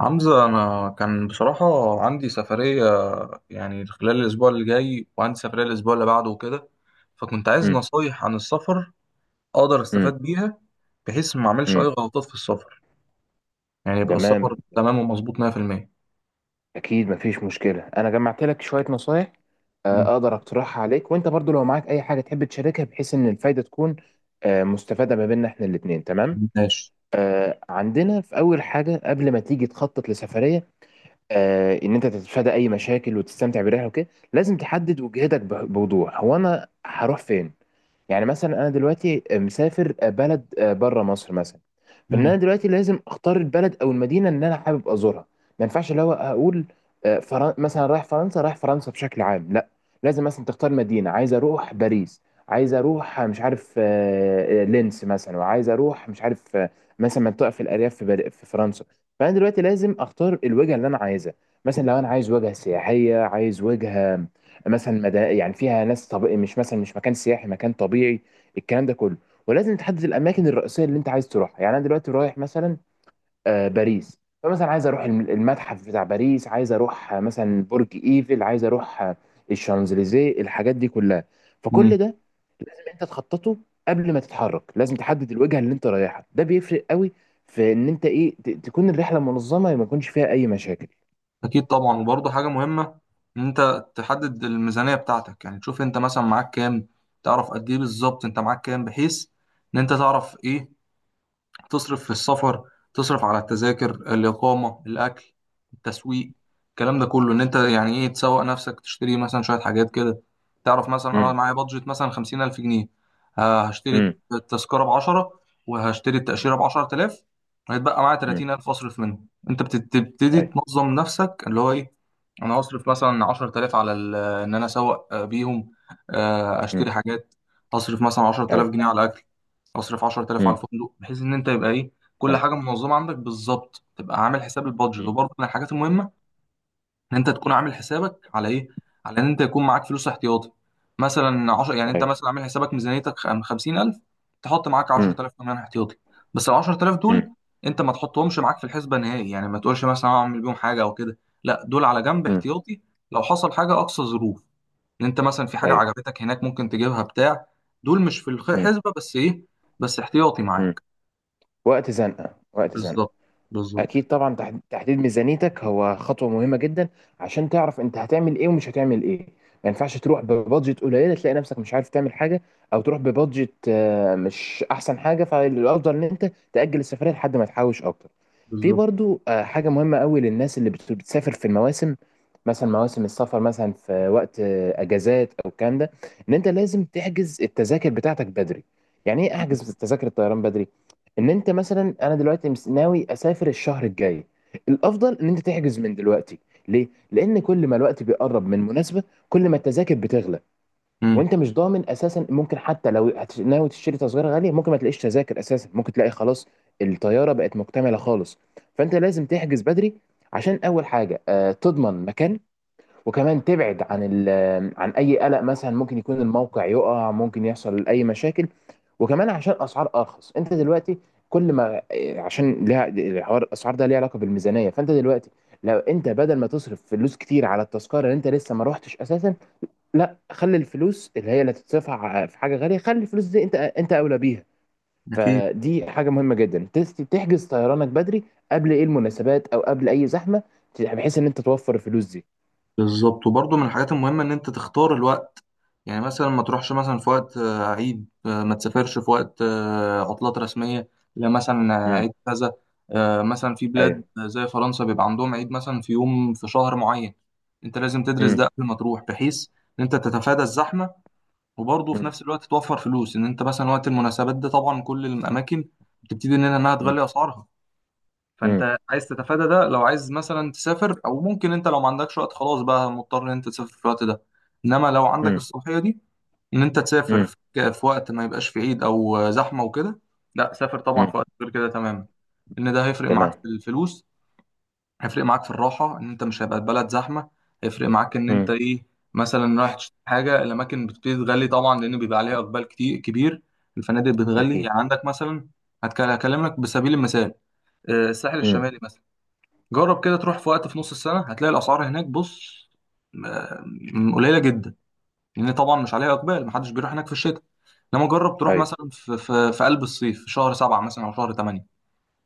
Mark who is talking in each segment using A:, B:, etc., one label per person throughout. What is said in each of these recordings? A: حمزة أنا كان بصراحة عندي سفرية يعني خلال الأسبوع اللي جاي، وعندي سفرية الأسبوع اللي بعده وكده. فكنت عايز
B: مم.
A: نصايح عن السفر أقدر
B: مم.
A: أستفاد بيها بحيث ما أعملش أي
B: مم.
A: غلطات في السفر، يعني يبقى
B: تمام.
A: السفر تمام ومظبوط 100%.
B: اكيد مفيش مشكله، انا جمعت لك شويه نصايح،
A: مم.
B: اقدر اقترحها عليك، وانت برضو لو معاك اي حاجه تحب تشاركها بحيث ان الفايده تكون مستفاده ما بيننا احنا الاثنين. تمام،
A: ماشي.
B: عندنا في اول حاجه قبل ما تيجي تخطط لسفريه، ان انت تتفادى اي مشاكل وتستمتع بالرحله وكده. لازم تحدد وجهتك بوضوح، هو انا هروح فين؟ يعني مثلا انا دلوقتي مسافر بلد بره مصر مثلا. فان انا
A: مم.
B: دلوقتي لازم اختار البلد او المدينه اللي انا حابب ازورها. ما ينفعش اللي هو اقول مثلا رايح فرنسا، رايح فرنسا بشكل عام، لا، لازم مثلا تختار مدينه، عايز اروح باريس، عايز اروح مش عارف، لينس مثلا، وعايز اروح مش عارف مثلا منطقه في الارياف في فرنسا. فانا دلوقتي لازم اختار الوجهه اللي انا عايزها. مثلا لو انا عايز وجهه سياحيه، عايز وجهه مثلا يعني فيها ناس، مش مثلا مش مكان سياحي، مكان طبيعي، الكلام ده كله. ولازم تحدد الاماكن الرئيسيه اللي انت عايز تروحها. يعني انا دلوقتي رايح مثلا باريس، فمثلا عايز اروح المتحف بتاع باريس، عايز اروح مثلا برج ايفل، عايز اروح الشانزليزيه، الحاجات دي كلها.
A: مم.
B: فكل ده انت تخططه. قبل ما تتحرك لازم تحدد الوجهه اللي انت رايحها، ده بيفرق قوي في ان انت تكون الرحله منظمه، ما يكونش فيها اي مشاكل.
A: أكيد طبعا، وبرضه حاجة مهمة إن أنت تحدد الميزانية بتاعتك، يعني تشوف أنت مثلا معاك كام، تعرف قد إيه بالظبط أنت معاك كام، بحيث إن أنت تعرف إيه تصرف في السفر، تصرف على التذاكر، الإقامة، الأكل، التسويق، الكلام ده كله. إن أنت يعني إيه تسوق نفسك، تشتري مثلا شوية حاجات كده. تعرف مثلا أنا
B: امم.
A: معايا بادجت مثلا خمسين ألف جنيه، هشتري
B: امم.
A: التذكرة بعشرة، وهشتري التأشيرة بعشرة آلاف. هيتبقى معايا
B: امم.
A: تلاتين ألف أصرف منهم. أنت بتبتدي
B: اي.
A: تنظم نفسك اللي هو إيه. أنا هصرف مثلا عشرة آلاف على إن أنا أسوق بيهم،
B: امم.
A: أشتري حاجات. هصرف مثلا عشرة
B: اي.
A: آلاف جنيه على أكل، اصرف 10000 على
B: امم.
A: الفندق، بحيث ان انت يبقى ايه، كل حاجه منظمه عندك بالظبط، تبقى عامل حساب البادجت.
B: مم.
A: وبرضه من الحاجات المهمه ان انت تكون عامل حسابك على ايه، على ان انت يكون معاك فلوس احتياطي، مثلا 10. يعني انت
B: ايوه.
A: مثلا عامل حسابك ميزانيتك 50000، تحط معاك
B: امم.
A: 10000 كمان احتياطي. بس ال 10000 دول
B: امم.
A: انت ما تحطهمش معاك في الحسبه نهائي، يعني ما تقولش مثلا هعمل بيهم حاجه او كده، لا دول على جنب
B: امم.
A: احتياطي. لو حصل حاجه اقصى ظروف، ان انت مثلا في حاجه
B: ايوه.
A: عجبتك هناك ممكن تجيبها بتاع، دول مش في
B: امم.
A: الحسبه، بس ايه، بس احتياطي
B: امم.
A: معاك.
B: وقت زنقه وقت زنقه.
A: بالظبط، بالظبط،
B: اكيد طبعا، تحديد ميزانيتك هو خطوه مهمه جدا عشان تعرف انت هتعمل ايه ومش هتعمل ايه. ما ينفعش تروح ببادجت قليله، تلاقي نفسك مش عارف تعمل حاجه، او تروح ببادجت مش احسن حاجه. فالافضل ان انت تاجل السفريه لحد ما تحوش اكتر. في
A: بالظبط.
B: برضو حاجه مهمه قوي للناس اللي بتسافر في المواسم، مثلا مواسم السفر مثلا في وقت اجازات او الكلام ده، ان انت لازم تحجز التذاكر بتاعتك بدري. يعني ايه؟ احجز تذاكر الطيران بدري. ان انت مثلا، انا دلوقتي ناوي اسافر الشهر الجاي، الافضل ان انت تحجز من دلوقتي. ليه؟ لان كل ما الوقت بيقرب من مناسبه، كل ما التذاكر بتغلى.
A: امم.
B: وانت مش ضامن اساسا، ممكن حتى لو ناوي تشتري تذكره غاليه، ممكن ما تلاقيش تذاكر اساسا، ممكن تلاقي خلاص الطياره بقت مكتمله خالص. فانت لازم تحجز بدري، عشان اول حاجه تضمن مكان، وكمان تبعد عن عن اي قلق، مثلا ممكن يكون الموقع يقع، ممكن يحصل اي مشاكل. وكمان عشان اسعار ارخص، انت دلوقتي كل ما إيه، عشان ليها الحوار، الاسعار ده ليها علاقه بالميزانيه. فانت دلوقتي لو انت بدل ما تصرف فلوس كتير على التذكره اللي انت لسه ما روحتش اساسا، لا، خلي الفلوس اللي هي اللي هتتصرف في حاجه غاليه، خلي الفلوس دي، انت اولى بيها.
A: اكيد.
B: فدي حاجه مهمه جدا، تحجز طيرانك بدري قبل ايه المناسبات او قبل اي زحمه، بحيث ان انت توفر الفلوس دي.
A: بالظبط، وبرضه من الحاجات المهمه ان انت تختار الوقت، يعني مثلا ما تروحش مثلا في وقت عيد، ما تسافرش في وقت عطلات رسميه، لا مثلا
B: امم.
A: عيد كذا. مثلا في بلاد
B: ايوه.
A: زي فرنسا بيبقى عندهم عيد مثلا في يوم في شهر معين، انت لازم تدرس ده
B: مم.
A: قبل ما تروح، بحيث ان انت تتفادى الزحمه، وبرضه في
B: مم.
A: نفس الوقت توفر فلوس. ان انت مثلا وقت المناسبات ده طبعا كل الاماكن بتبتدي ان انها
B: مم.
A: تغلي اسعارها،
B: مم.
A: فانت عايز تتفادى ده. لو عايز مثلا تسافر، او ممكن انت لو ما عندكش وقت خلاص بقى مضطر ان انت تسافر في الوقت ده، انما لو عندك
B: مم.
A: الصلاحيه دي ان انت تسافر
B: مم.
A: في وقت ما يبقاش في عيد او زحمه وكده، لا سافر طبعا
B: مم.
A: في وقت غير كده تماما، ان ده هيفرق معاك
B: تمام.
A: في الفلوس، هيفرق معاك في الراحة إن أنت مش هيبقى البلد زحمة، هيفرق معاك إن أنت
B: مم.
A: إيه، مثلا رايح تشتري حاجة، الأماكن بتبتدي تغلي طبعا لأن بيبقى عليها إقبال كتير كبير، الفنادق بتغلي.
B: أكيد.
A: يعني عندك مثلا، هكلمك بسبيل المثال، الساحل
B: مم.
A: الشمالي مثلا، جرب كده تروح في وقت في نص السنة، هتلاقي الأسعار هناك، بص، آه، قليلة جدا، لأن طبعا مش عليها إقبال، محدش بيروح هناك في الشتاء. إنما جرب تروح
B: أيوه.
A: مثلا في في قلب الصيف في شهر سبعة مثلا أو شهر تمانية،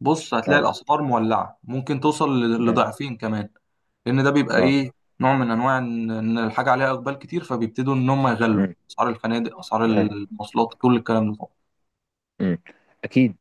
A: بص هتلاقي
B: أه.
A: الاسعار مولعه، ممكن توصل
B: أيوه.
A: لضعفين كمان، لان ده بيبقى
B: أه.
A: ايه، نوع من انواع ان إن الحاجه عليها اقبال كتير، فبيبتدوا ان هم يغلوا
B: مم.
A: اسعار الفنادق، اسعار
B: أيوه.
A: المواصلات، كل الكلام ده طبعا.
B: مم. أكيد.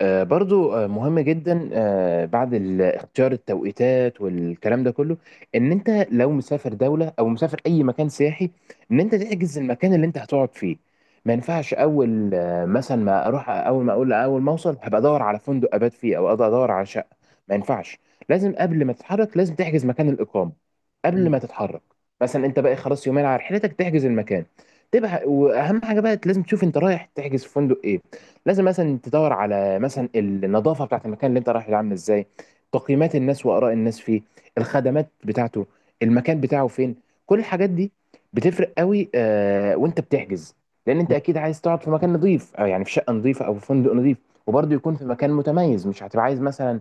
B: برضو مهم جدا بعد اختيار التوقيتات والكلام ده كله، ان انت لو مسافر دولة او مسافر اي مكان سياحي، ان انت تحجز المكان اللي انت هتقعد فيه. ما ينفعش اول مثلا، ما اروح اول ما اقول، اول ما اوصل هبقى ادور على فندق ابات فيه، او أقدر ادور على شقة. ما ينفعش. لازم قبل ما تتحرك لازم تحجز مكان الاقامة
A: مم.
B: قبل ما تتحرك. مثلا انت بقى خلاص يومين على رحلتك، تحجز المكان. تبقى واهم حاجة بقى لازم تشوف انت رايح تحجز في فندق ايه. لازم مثلا تدور على مثلا النظافه بتاعت المكان اللي انت رايح له عامله ازاي، تقييمات الناس واراء الناس فيه، الخدمات بتاعته، المكان بتاعه فين، كل الحاجات دي بتفرق قوي آه وانت بتحجز. لان انت اكيد عايز تقعد في مكان نظيف، او يعني في شقه نظيفه او في فندق نظيف، وبرضه يكون في مكان متميز. مش هتبقى عايز مثلا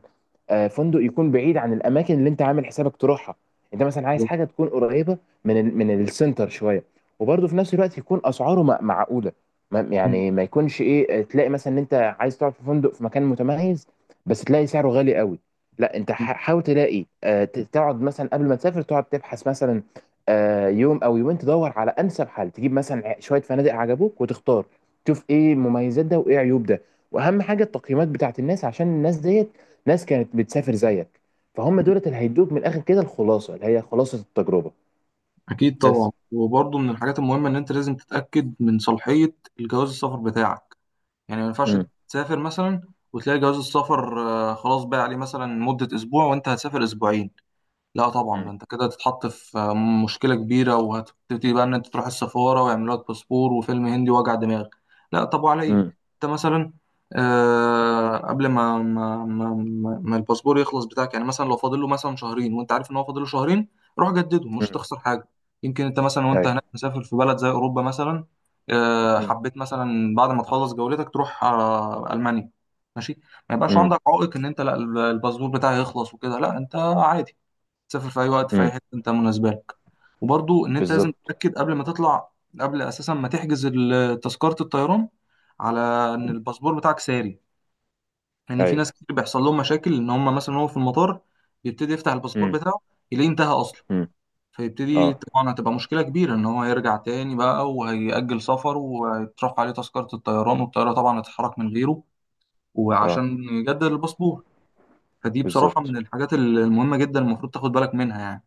B: فندق يكون بعيد عن الاماكن اللي انت عامل حسابك تروحها. انت مثلا عايز
A: مم.
B: حاجه تكون قريبه من من السنتر شويه، وبرضه في نفس الوقت يكون اسعاره معقوله.
A: مم.
B: يعني ما يكونش ايه، تلاقي مثلا ان انت عايز تقعد في فندق في مكان متميز، بس تلاقي سعره غالي قوي. لا، انت حاول تلاقي تقعد مثلا قبل ما تسافر، تقعد تبحث مثلا يوم او يومين، تدور على انسب حل، تجيب مثلا شويه فنادق عجبوك وتختار، تشوف ايه مميزات ده وايه عيوب ده. واهم حاجه التقييمات بتاعت الناس، عشان الناس ديت ناس كانت بتسافر زيك، فهم دولت اللي هيدوك من الاخر كده الخلاصه اللي هي خلاصه التجربه.
A: أكيد طبعا،
B: بس.
A: وبرضه من الحاجات المهمه ان انت لازم تتاكد من صلاحيه الجواز السفر بتاعك، يعني ما ينفعش
B: امم.
A: تسافر مثلا وتلاقي جواز السفر خلاص بقى عليه مثلا مده اسبوع وانت هتسافر اسبوعين، لا طبعا
B: امم.
A: ده انت كده هتتحط في مشكله كبيره، وهتبتدي بقى ان انت تروح السفاره ويعملوا لك باسبور، وفيلم هندي وجع دماغ، لا طب وعلى ايه.
B: امم.
A: انت مثلا آه قبل ما ما الباسبور يخلص بتاعك، يعني مثلا لو فاضل له مثلا شهرين وانت عارف ان هو فاضل له شهرين، روح جدده مش هتخسر حاجه. يمكن انت مثلا وانت
B: ايوه.
A: هناك مسافر في بلد زي اوروبا مثلا، آه حبيت مثلا بعد ما تخلص جولتك تروح آه المانيا، ماشي، ما يبقاش
B: مم.
A: عندك عائق ان انت لا، الباسبور بتاعي يخلص وكده، لا انت عادي تسافر في اي وقت في اي
B: مم.
A: حته انت مناسبه لك. وبرضو ان انت لازم
B: بالظبط.
A: تتاكد قبل ما تطلع، قبل اساسا ما تحجز تذكره الطيران، على ان الباسبور بتاعك ساري، لان في
B: ايوه.
A: ناس كتير بيحصل لهم مشاكل ان هم مثلا هو في المطار يبتدي يفتح الباسبور
B: امم.
A: بتاعه يلاقيه انتهى اصلا،
B: امم.
A: فيبتدي
B: اه.
A: طبعا هتبقى مشكله كبيره ان هو يرجع تاني بقى، وهيأجل سفره، وهيترفع عليه تذكره الطيران، والطياره طبعا هتتحرك من غيره،
B: اه.
A: وعشان يجدد الباسبور. فدي بصراحه
B: بالظبط.
A: من الحاجات المهمه جدا المفروض تاخد بالك منها يعني.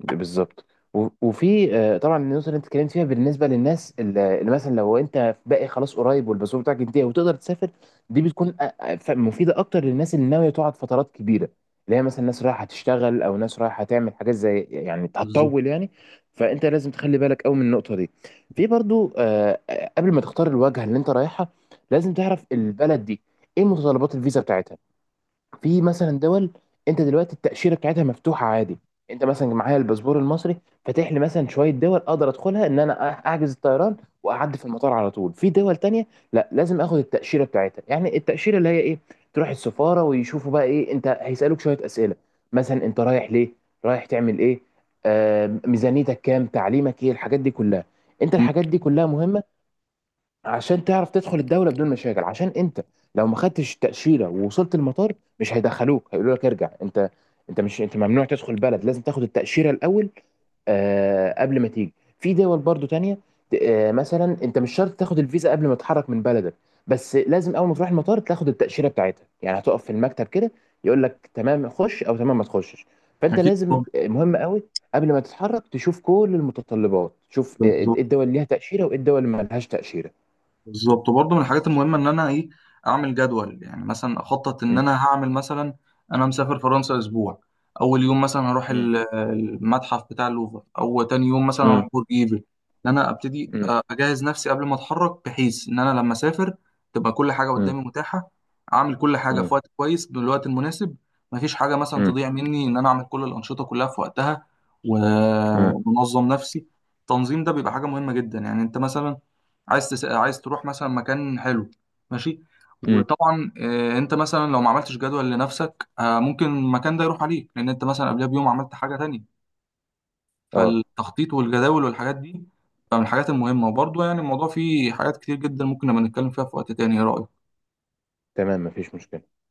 B: بالظبط. وفي طبعا النقطه اللي انت اتكلمت فيها بالنسبه للناس اللي مثلا لو انت باقي خلاص قريب والباسبور بتاعك انتهى وتقدر تسافر. دي بتكون مفيده اكتر للناس اللي ناويه تقعد فترات كبيره، اللي هي مثلا ناس رايحه تشتغل او ناس رايحه تعمل حاجات زي، يعني
A: بالظبط.
B: هتطول يعني. فانت لازم تخلي بالك قوي من النقطه دي. في برضو قبل ما تختار الوجهه اللي انت رايحها، لازم تعرف البلد دي ايه متطلبات الفيزا بتاعتها. في مثلا دول انت دلوقتي التاشيره بتاعتها مفتوحه عادي، انت مثلا معايا الباسبور المصري فاتح لي مثلا شويه دول، اقدر ادخلها ان انا احجز الطيران واعدي في المطار على طول. في دول تانية لا، لازم اخد التاشيره بتاعتها، يعني التاشيره اللي هي ايه، تروح السفاره ويشوفوا بقى ايه، انت هيسالوك شويه اسئله، مثلا انت رايح ليه، رايح تعمل ايه، آه ميزانيتك كام، تعليمك ايه، الحاجات دي كلها. انت
A: أمم.
B: الحاجات دي كلها مهمه، عشان تعرف تدخل الدوله بدون مشاكل. عشان انت لو ما خدتش تاشيره ووصلت المطار، مش هيدخلوك، هيقولوا لك ارجع انت. انت مش انت ممنوع تدخل البلد، لازم تاخد التاشيره الاول آه قبل ما تيجي. في دول برضو تانية، آه مثلا انت مش شرط تاخد الفيزا قبل ما تتحرك من بلدك، بس لازم اول ما تروح المطار تاخد التاشيره بتاعتها، يعني هتقف في المكتب كده، يقول لك تمام خش او تمام ما تخشش. فانت
A: أكيد
B: لازم
A: طبعا.
B: مهم قوي قبل ما تتحرك تشوف كل المتطلبات، تشوف ايه
A: بالظبط.
B: الدول اللي ليها تاشيره وايه الدول اللي ما لهاش تاشيره.
A: بالظبط، وبرضه من الحاجات المهمه ان انا ايه، اعمل جدول، يعني مثلا اخطط ان انا هعمل مثلا، انا مسافر فرنسا اسبوع، اول يوم مثلا هروح
B: مم.
A: المتحف بتاع اللوفر، او تاني يوم مثلا
B: مم.
A: هروح برج ايفل، ان انا ابتدي
B: مم.
A: اجهز نفسي قبل ما اتحرك، بحيث ان انا لما اسافر تبقى كل حاجه
B: مم.
A: قدامي متاحه، اعمل كل حاجه في
B: مم.
A: وقت كويس بالوقت المناسب، مفيش حاجه مثلا
B: مم.
A: تضيع مني، ان انا اعمل كل الانشطه كلها في وقتها، و- ومنظم نفسي. التنظيم ده بيبقى حاجه مهمه جدا. يعني انت مثلا عايز عايز تروح مثلا مكان حلو، ماشي،
B: مم.
A: وطبعا انت مثلا لو ما عملتش جدول لنفسك ممكن المكان ده يروح عليك، لان انت مثلا قبلها بيوم عملت حاجه تانية.
B: اه،
A: فالتخطيط والجداول والحاجات دي من الحاجات المهمه. وبرضه يعني الموضوع فيه حاجات كتير جدا ممكن نبقى نتكلم فيها في وقت تاني، ايه رايك؟
B: تمام، مفيش مشكلة.